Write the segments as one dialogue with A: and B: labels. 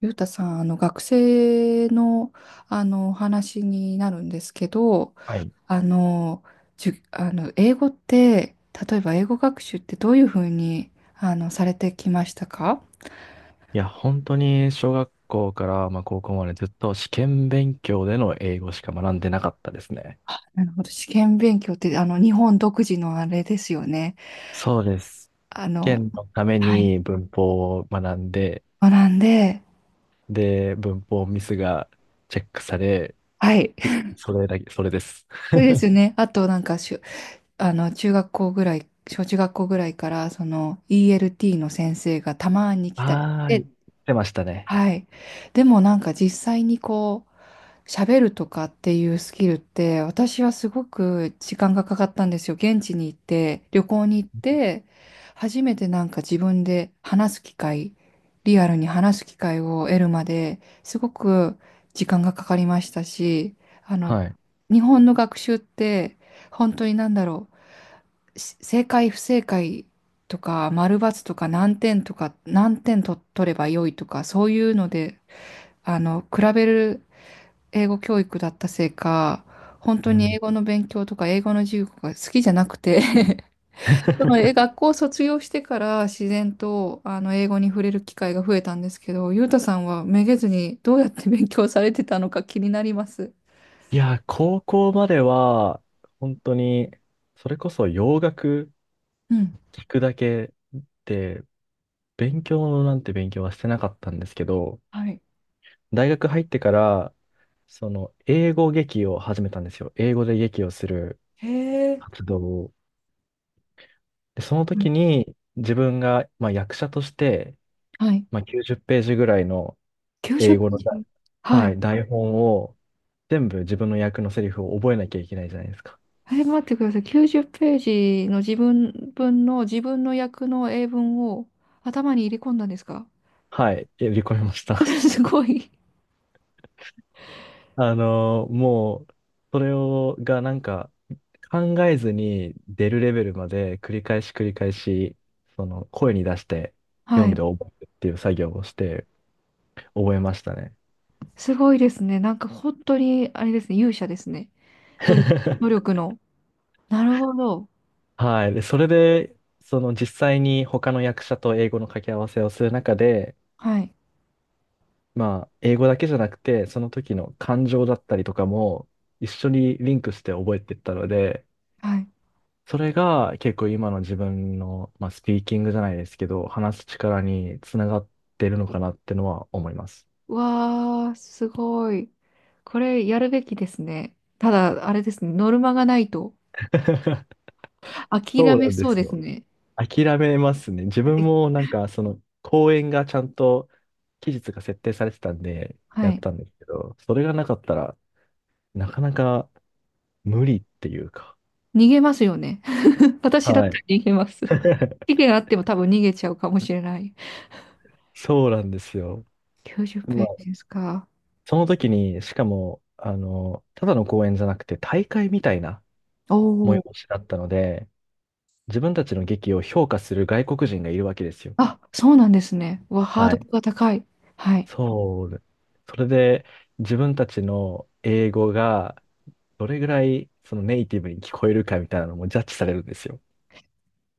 A: ゆうたさん、学生の、お話になるんですけど、
B: はい。い
A: あの、英語って、例えば英語学習ってどういうふうにされてきましたか？
B: や、本当に小学校から、まあ、高校までずっと試験勉強での英語しか学んでなかったですね。
A: なるほど、試験勉強って日本独自のあれですよね。
B: そうです。
A: あ
B: 試
A: の、
B: 験のため
A: はい。
B: に文法を学んで、
A: 学んで、
B: で、文法ミスがチェックされ、
A: はい。
B: それだけ、それです。
A: そうですよ ね。あとなんか中学校ぐらい、小中学校ぐらいから、その ELT の先生がたまに来たりし
B: はーい。
A: て。
B: してましたね。
A: はい。でもなんか実際にこう、喋るとかっていうスキルって、私はすごく時間がかかったんですよ。現地に行って、旅行に行って、初めてなんか自分で話す機会、リアルに話す機会を得るまで、すごく時間がかかりましたし、あの、
B: はい。
A: 日本の学習って、本当になんだろう、正解不正解、とか、丸×とか何点とか、何点と取れば良いとか、そういうので比べる英語教育だったせいか、本当
B: う
A: に英
B: ん。
A: 語の勉強とか英語の授業が好きじゃなくて。 そのえ学校を卒業してから自然と英語に触れる機会が増えたんですけど、ゆうたさんはめげずにどうやって勉強されてたのか気になります。
B: いや、高校までは、本当に、それこそ洋楽
A: うん。
B: 聞くだけで、勉強なんて勉強はしてなかったんですけど、
A: はい。
B: 大学入ってから、その、英語劇を始めたんですよ。英語で劇をする
A: へえ。
B: 活動を。で、その
A: うん
B: 時に、自分が、まあ、役者として、
A: はい。
B: まあ、90ページぐらいの英
A: 90
B: 語
A: ペ
B: の
A: ー
B: だ、
A: ジ。は
B: は
A: い。
B: い、台本を、全部自分の役のセリフを覚えなきゃいけないじゃないですか。
A: え、待ってください。90ページの自分の役の英文を頭に入れ込んだんですか？
B: はい、やり込みまし た。
A: すごい。
B: もう、それを、がなんか、考えずに出るレベルまで繰り返し繰り返し、その声に出して
A: は
B: 読ん
A: い。
B: で覚えるっていう作業をして覚えましたね。
A: すごいですね。なんか本当に、あれですね、勇者ですね。努力、努 力の。なるほど。
B: はい。で、それで、その実際に他の役者と英語の掛け合わせをする中で、
A: はい。
B: まあ、英語だけじゃなくて、その時の感情だったりとかも一緒にリンクして覚えていったので、
A: はい。
B: それが結構今の自分の、まあ、スピーキングじゃないですけど、話す力につながってるのかなってのは思います。
A: わー、すごい。これやるべきですね。ただ、あれですね、ノルマがないと 諦
B: そう
A: め
B: なんで
A: そう
B: す
A: です
B: よ。
A: ね。
B: 諦めますね。自
A: だ
B: 分
A: って、
B: もなんか、その、公演がちゃんと期日が設定されてたんで、
A: は
B: やっ
A: い。
B: たんですけど、それがなかったらなかなか無理っていうか。
A: 逃げますよね。私だっ
B: は
A: たら
B: い。
A: 逃げます。期限あっても多分逃げちゃうかもしれない。
B: そうなんですよ。
A: 90ペ
B: ま
A: ー
B: あ、
A: ジですか？
B: その時に、しかも、あの、ただの公演じゃなくて、大会みたいな
A: お
B: 催
A: お。
B: しだったので、自分たちの劇を評価する外国人がいるわけですよ。
A: あ、そうなんですね。うわ、ハー
B: は
A: ド
B: い。
A: ルが高い。はい。
B: そう。それで、自分たちの英語が、どれぐらいそのネイティブに聞こえるかみたいなのもジャッジされるんですよ。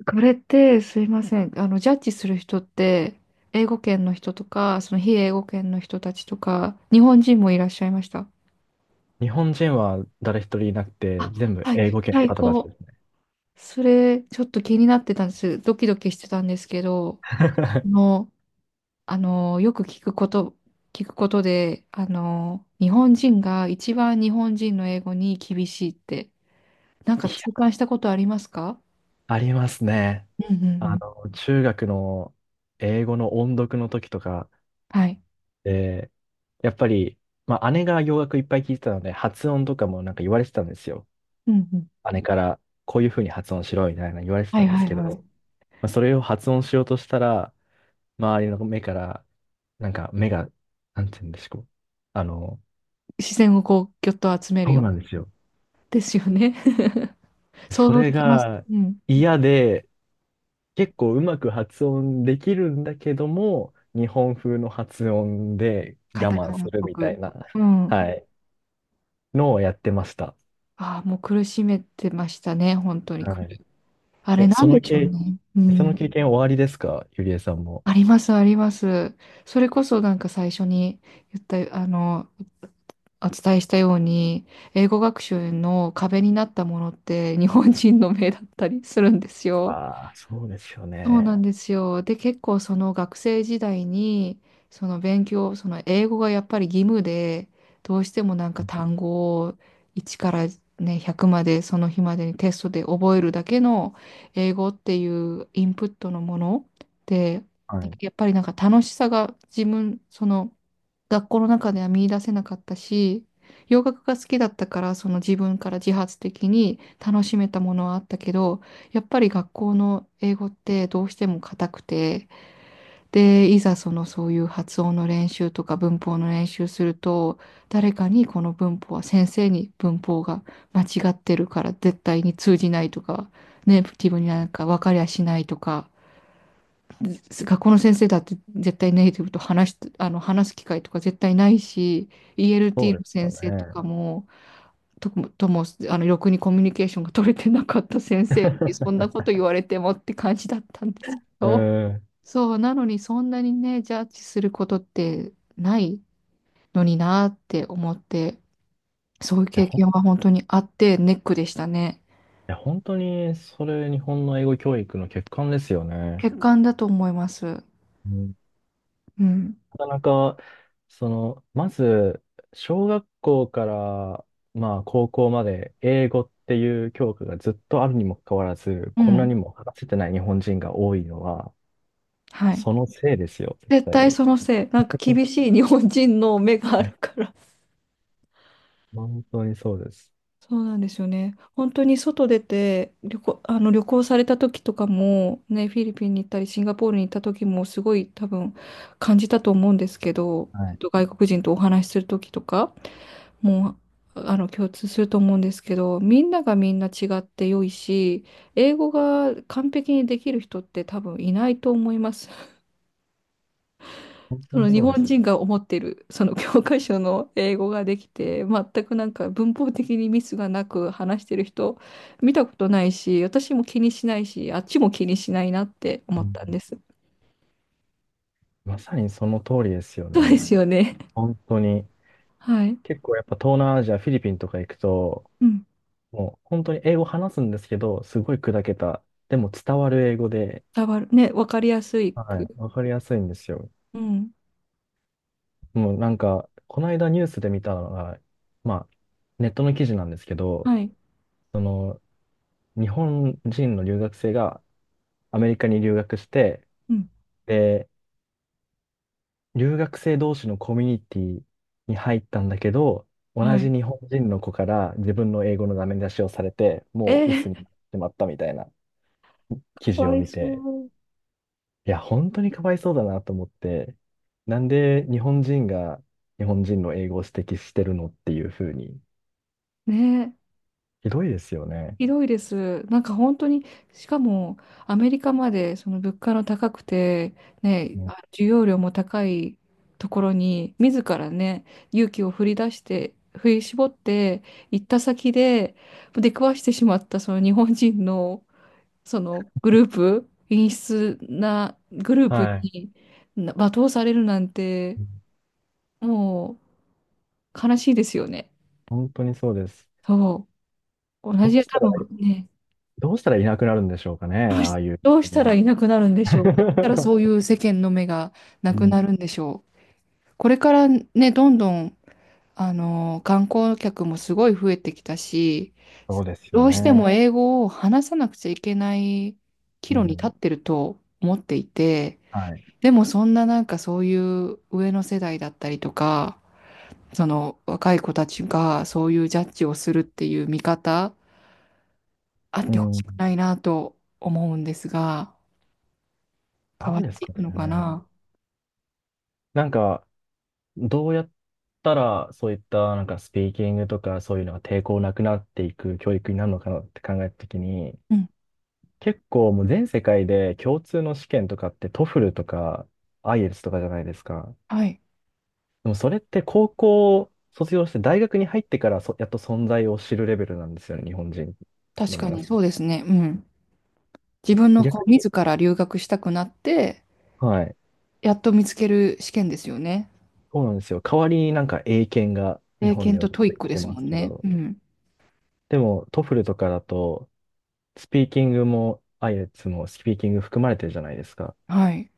A: これってすいません。ジャッジする人って、英語圏の人とか、その非英語圏の人たちとか、日本人もいらっしゃいました？
B: 日本人は誰一人いなくて、
A: あ、
B: 全部
A: はい、
B: 英語圏の
A: 最
B: 方たちで
A: 高。
B: すね。
A: それ、ちょっと気になってたんです。ドキドキしてたんですけど、もう、よく聞くこと、聞くことで、日本人が一番日本人の英語に厳しいって、なん
B: い
A: か
B: や、
A: 痛感したことありますか？
B: ありますね。
A: うんうんう
B: あ
A: ん。
B: の、中学の英語の音読の時とか
A: はい。
B: で、やっぱり、まあ、姉が洋楽いっぱい聞いてたので、発音とかもなんか言われてたんですよ。
A: うんうん。
B: 姉から、こういうふうに発音しろみたいなの言われて
A: は
B: た
A: い
B: んで
A: は
B: す
A: い
B: け
A: はい。
B: ど、まあ、それを発音しようとしたら、周りの目から、なんか目が、なんて言うんでしょう。あの、
A: 視線をこう、ぎょっと集める
B: そ
A: よ
B: う
A: うな。
B: なんですよ。
A: ですよね。想
B: そ
A: 像
B: れ
A: できます。
B: が
A: うん。
B: 嫌で、結構うまく発音できるんだけども、日本風の発音で
A: カ
B: 我
A: タ
B: 慢
A: カ
B: す
A: ナっ
B: る
A: ぽ
B: みたい
A: く。
B: な、
A: うん。
B: はい、のをやってました。
A: ああ、もう苦しめてましたね、本当に。
B: はい。
A: あれ
B: え、
A: なんでしょうね。う
B: その
A: ん。
B: 経験終わりですかゆりえさんも。
A: あります、あります。それこそなんか最初に言った、あの、お伝えしたように、英語学習の壁になったものって日本人の目だったりするんですよ。
B: ああ、そうですよ
A: そう
B: ね。
A: なんですよ。で、結構その学生時代に、その勉強、その英語がやっぱり義務で、どうしてもなんか単語を1からね、100までその日までにテストで覚えるだけの英語っていうインプットのもので、
B: はい。
A: やっぱりなんか楽しさがその学校の中では見出せなかったし、洋楽が好きだったから、その自分から自発的に楽しめたものはあったけど、やっぱり学校の英語ってどうしても硬くて、で、いざそういう発音の練習とか文法の練習すると、誰かにこの文法は先生に文法が間違ってるから絶対に通じないとか、ネイティブになんか分かりゃしないとか、学校の先生だって絶対ネイティブと話し、あの話す機会とか絶対ないし、
B: そ
A: ELT
B: うで
A: の
B: すよ
A: 先生とか
B: ね。
A: も、と、とも、ろくにコミュニケーションが取れてなかった先生に、そんな こと言われてもって感じだったんですけ
B: うん。
A: ど、
B: い
A: そう、なのにそんなにね、ジャッジすることってないのになって思って、そういう
B: や、
A: 経験は本当にあってネックでしたね。
B: 本当に、それ日本の英語教育の欠陥ですよね。
A: 欠陥だと思います。
B: うん。
A: うん。
B: なかなか、その、まず、小学校から、まあ、高校まで、英語っていう教科がずっとあるにもかかわらず、
A: う
B: こんな
A: ん。
B: にも話せてない日本人が多いのは、
A: はい。
B: そのせいですよ、絶
A: 絶
B: 対
A: 対
B: に。
A: そのせい。なんか厳しい日本人の目があ
B: う
A: る
B: ん。
A: から。
B: 本当にそうです。
A: そうなんですよね。本当に外出て旅行された時とかも、ね、フィリピンに行ったり、シンガポールに行った時もすごい多分感じたと思うんですけど、
B: はい。
A: 外国人とお話しする時とかもう、共通すると思うんですけど、みんながみんな違って良いし、英語が完璧にできる人って多分いないと思います。
B: 本当
A: そ
B: に
A: の日
B: そうで
A: 本
B: す。
A: 人が思ってるその教科書の英語ができて全くなんか文法的にミスがなく話してる人見たことないし、私も気にしないし、あっちも気にしないなって思
B: う
A: ったんで
B: ん。
A: す。
B: まさにその通りですよ
A: そうで
B: ね。
A: すよね。
B: 本当に。
A: はい。
B: 結構やっぱ東南アジア、フィリピンとか行くと、
A: うん。
B: もう本当に英語話すんですけど、すごい砕けた。でも伝わる英語で、
A: 伝わる。ね、わかりやすい
B: はい。
A: く。
B: わかりやすいんですよ。
A: うん。
B: もうなんか、この間ニュースで見たのが、まあ、ネットの記事なんですけど、
A: はい。
B: その、日本人の留学生がアメリカに留学して、
A: うん。
B: で、留学生同士のコミュニティに入ったんだけど、
A: は
B: 同じ
A: い。
B: 日本人の子から自分の英語のダメ出しをされて、
A: え
B: もう鬱にな
A: ー、
B: ってしまったみたいな記
A: か
B: 事
A: わ
B: を
A: い
B: 見て、
A: そう。
B: いや、本当にかわいそうだなと思って、なんで日本人が日本人の英語を指摘してるのっていうふうに、
A: ね、
B: ひどいですよね。
A: ひどいです。なんか本当に、しかもアメリカまでその物価の高くて、ね、
B: も
A: 需要量も高いところに、自らね、勇気を振り絞って行った先で、出くわしてしまったその日本人のそのグループ、陰湿なグルー
B: う、
A: プ
B: はい。
A: に罵倒されるなんて、
B: うん。
A: もう悲しいですよね。
B: 本当にそうです。
A: そう。同
B: どう
A: じ、
B: した
A: 多
B: ら、
A: 分ね、
B: どうしたらいなくなるんでしょうかね、ああいう。
A: どうしたらいなくなるんでしょう。どうしたらそうい う世間の目がな
B: うん。
A: く
B: うん、
A: なるんでしょう。これからね、どんどん、観光客もすごい増えてきたし、
B: そうですよ
A: どうして
B: ね。
A: も英語を話さなくちゃいけない岐
B: う
A: 路に立っ
B: ん、
A: てると思っていて、
B: はい。
A: でもそんななんかそういう上の世代だったりとか、その若い子たちがそういうジャッジをするっていう見方、あっ
B: う
A: てほしく
B: ん、
A: ないなと思うんですが、変
B: な
A: わ
B: ん
A: っ
B: です
A: てい
B: か
A: くのか
B: ね。
A: な。
B: なんか、どうやったらそういったなんかスピーキングとかそういうのが抵抗なくなっていく教育になるのかなって考えたときに、
A: うん。
B: 結構もう全世界で共通の試験とかってトフルとか i イエル s とかじゃないですか。
A: はい。
B: でもそれって高校を卒業して大学に入ってからそやっと存在を知るレベルなんですよね、日本人
A: 確
B: の
A: か
B: 皆
A: に
B: さ
A: そう
B: ん。
A: ですね。うん。自分のこ
B: 逆
A: う
B: に、
A: 自ら留学したくなって、
B: はい。
A: やっと見つける試験ですよね。
B: そうなんですよ。代わりになんか英検が日
A: 英
B: 本
A: 検
B: では
A: と
B: 出
A: トイッ
B: て
A: ク
B: き
A: で
B: て
A: す
B: ま
A: も
B: す
A: ん
B: け
A: ね。
B: ど。
A: うん。
B: でもトフルとかだとスピーキングも i イエル s もスピーキング含まれてるじゃないですか。だ
A: はい。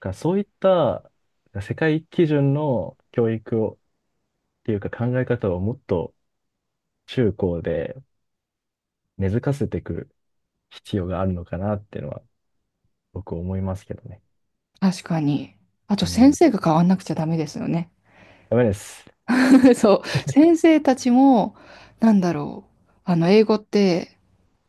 B: からそういった世界基準の教育をっていうか考え方をもっと中高で根付かせていく必要があるのかなっていうのは僕思いますけどね。
A: 確かに。あと
B: う
A: 先
B: ん。
A: 生が変わんなくちゃダメですよね。
B: ダメです。
A: そう。先生たちも、なんだろう。英語って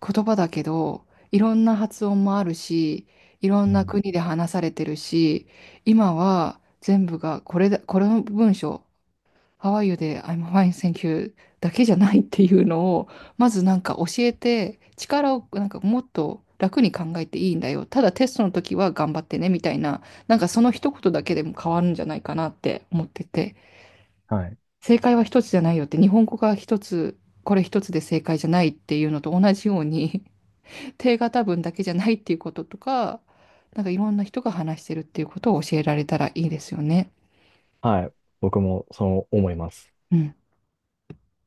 A: 言葉だけど、いろんな発音もあるし、いろ
B: う
A: んな
B: ん。
A: 国で話されてるし、今は全部がこれだ、この文章、How are you で I'm fine, thank you だけじゃないっていうのを、まずなんか教えて、力をなんかもっと楽に考えていいんだよ。ただテストの時は頑張ってねみたいな、なんかその一言だけでも変わるんじゃないかなって思ってて、
B: はい。
A: 正解は一つじゃないよって、日本語が一つ、これ一つで正解じゃないっていうのと同じように、定型文だけじゃないっていうこととか、なんかいろんな人が話してるっていうことを教えられたらいいですよね。
B: はい。僕もそう思います。
A: うん。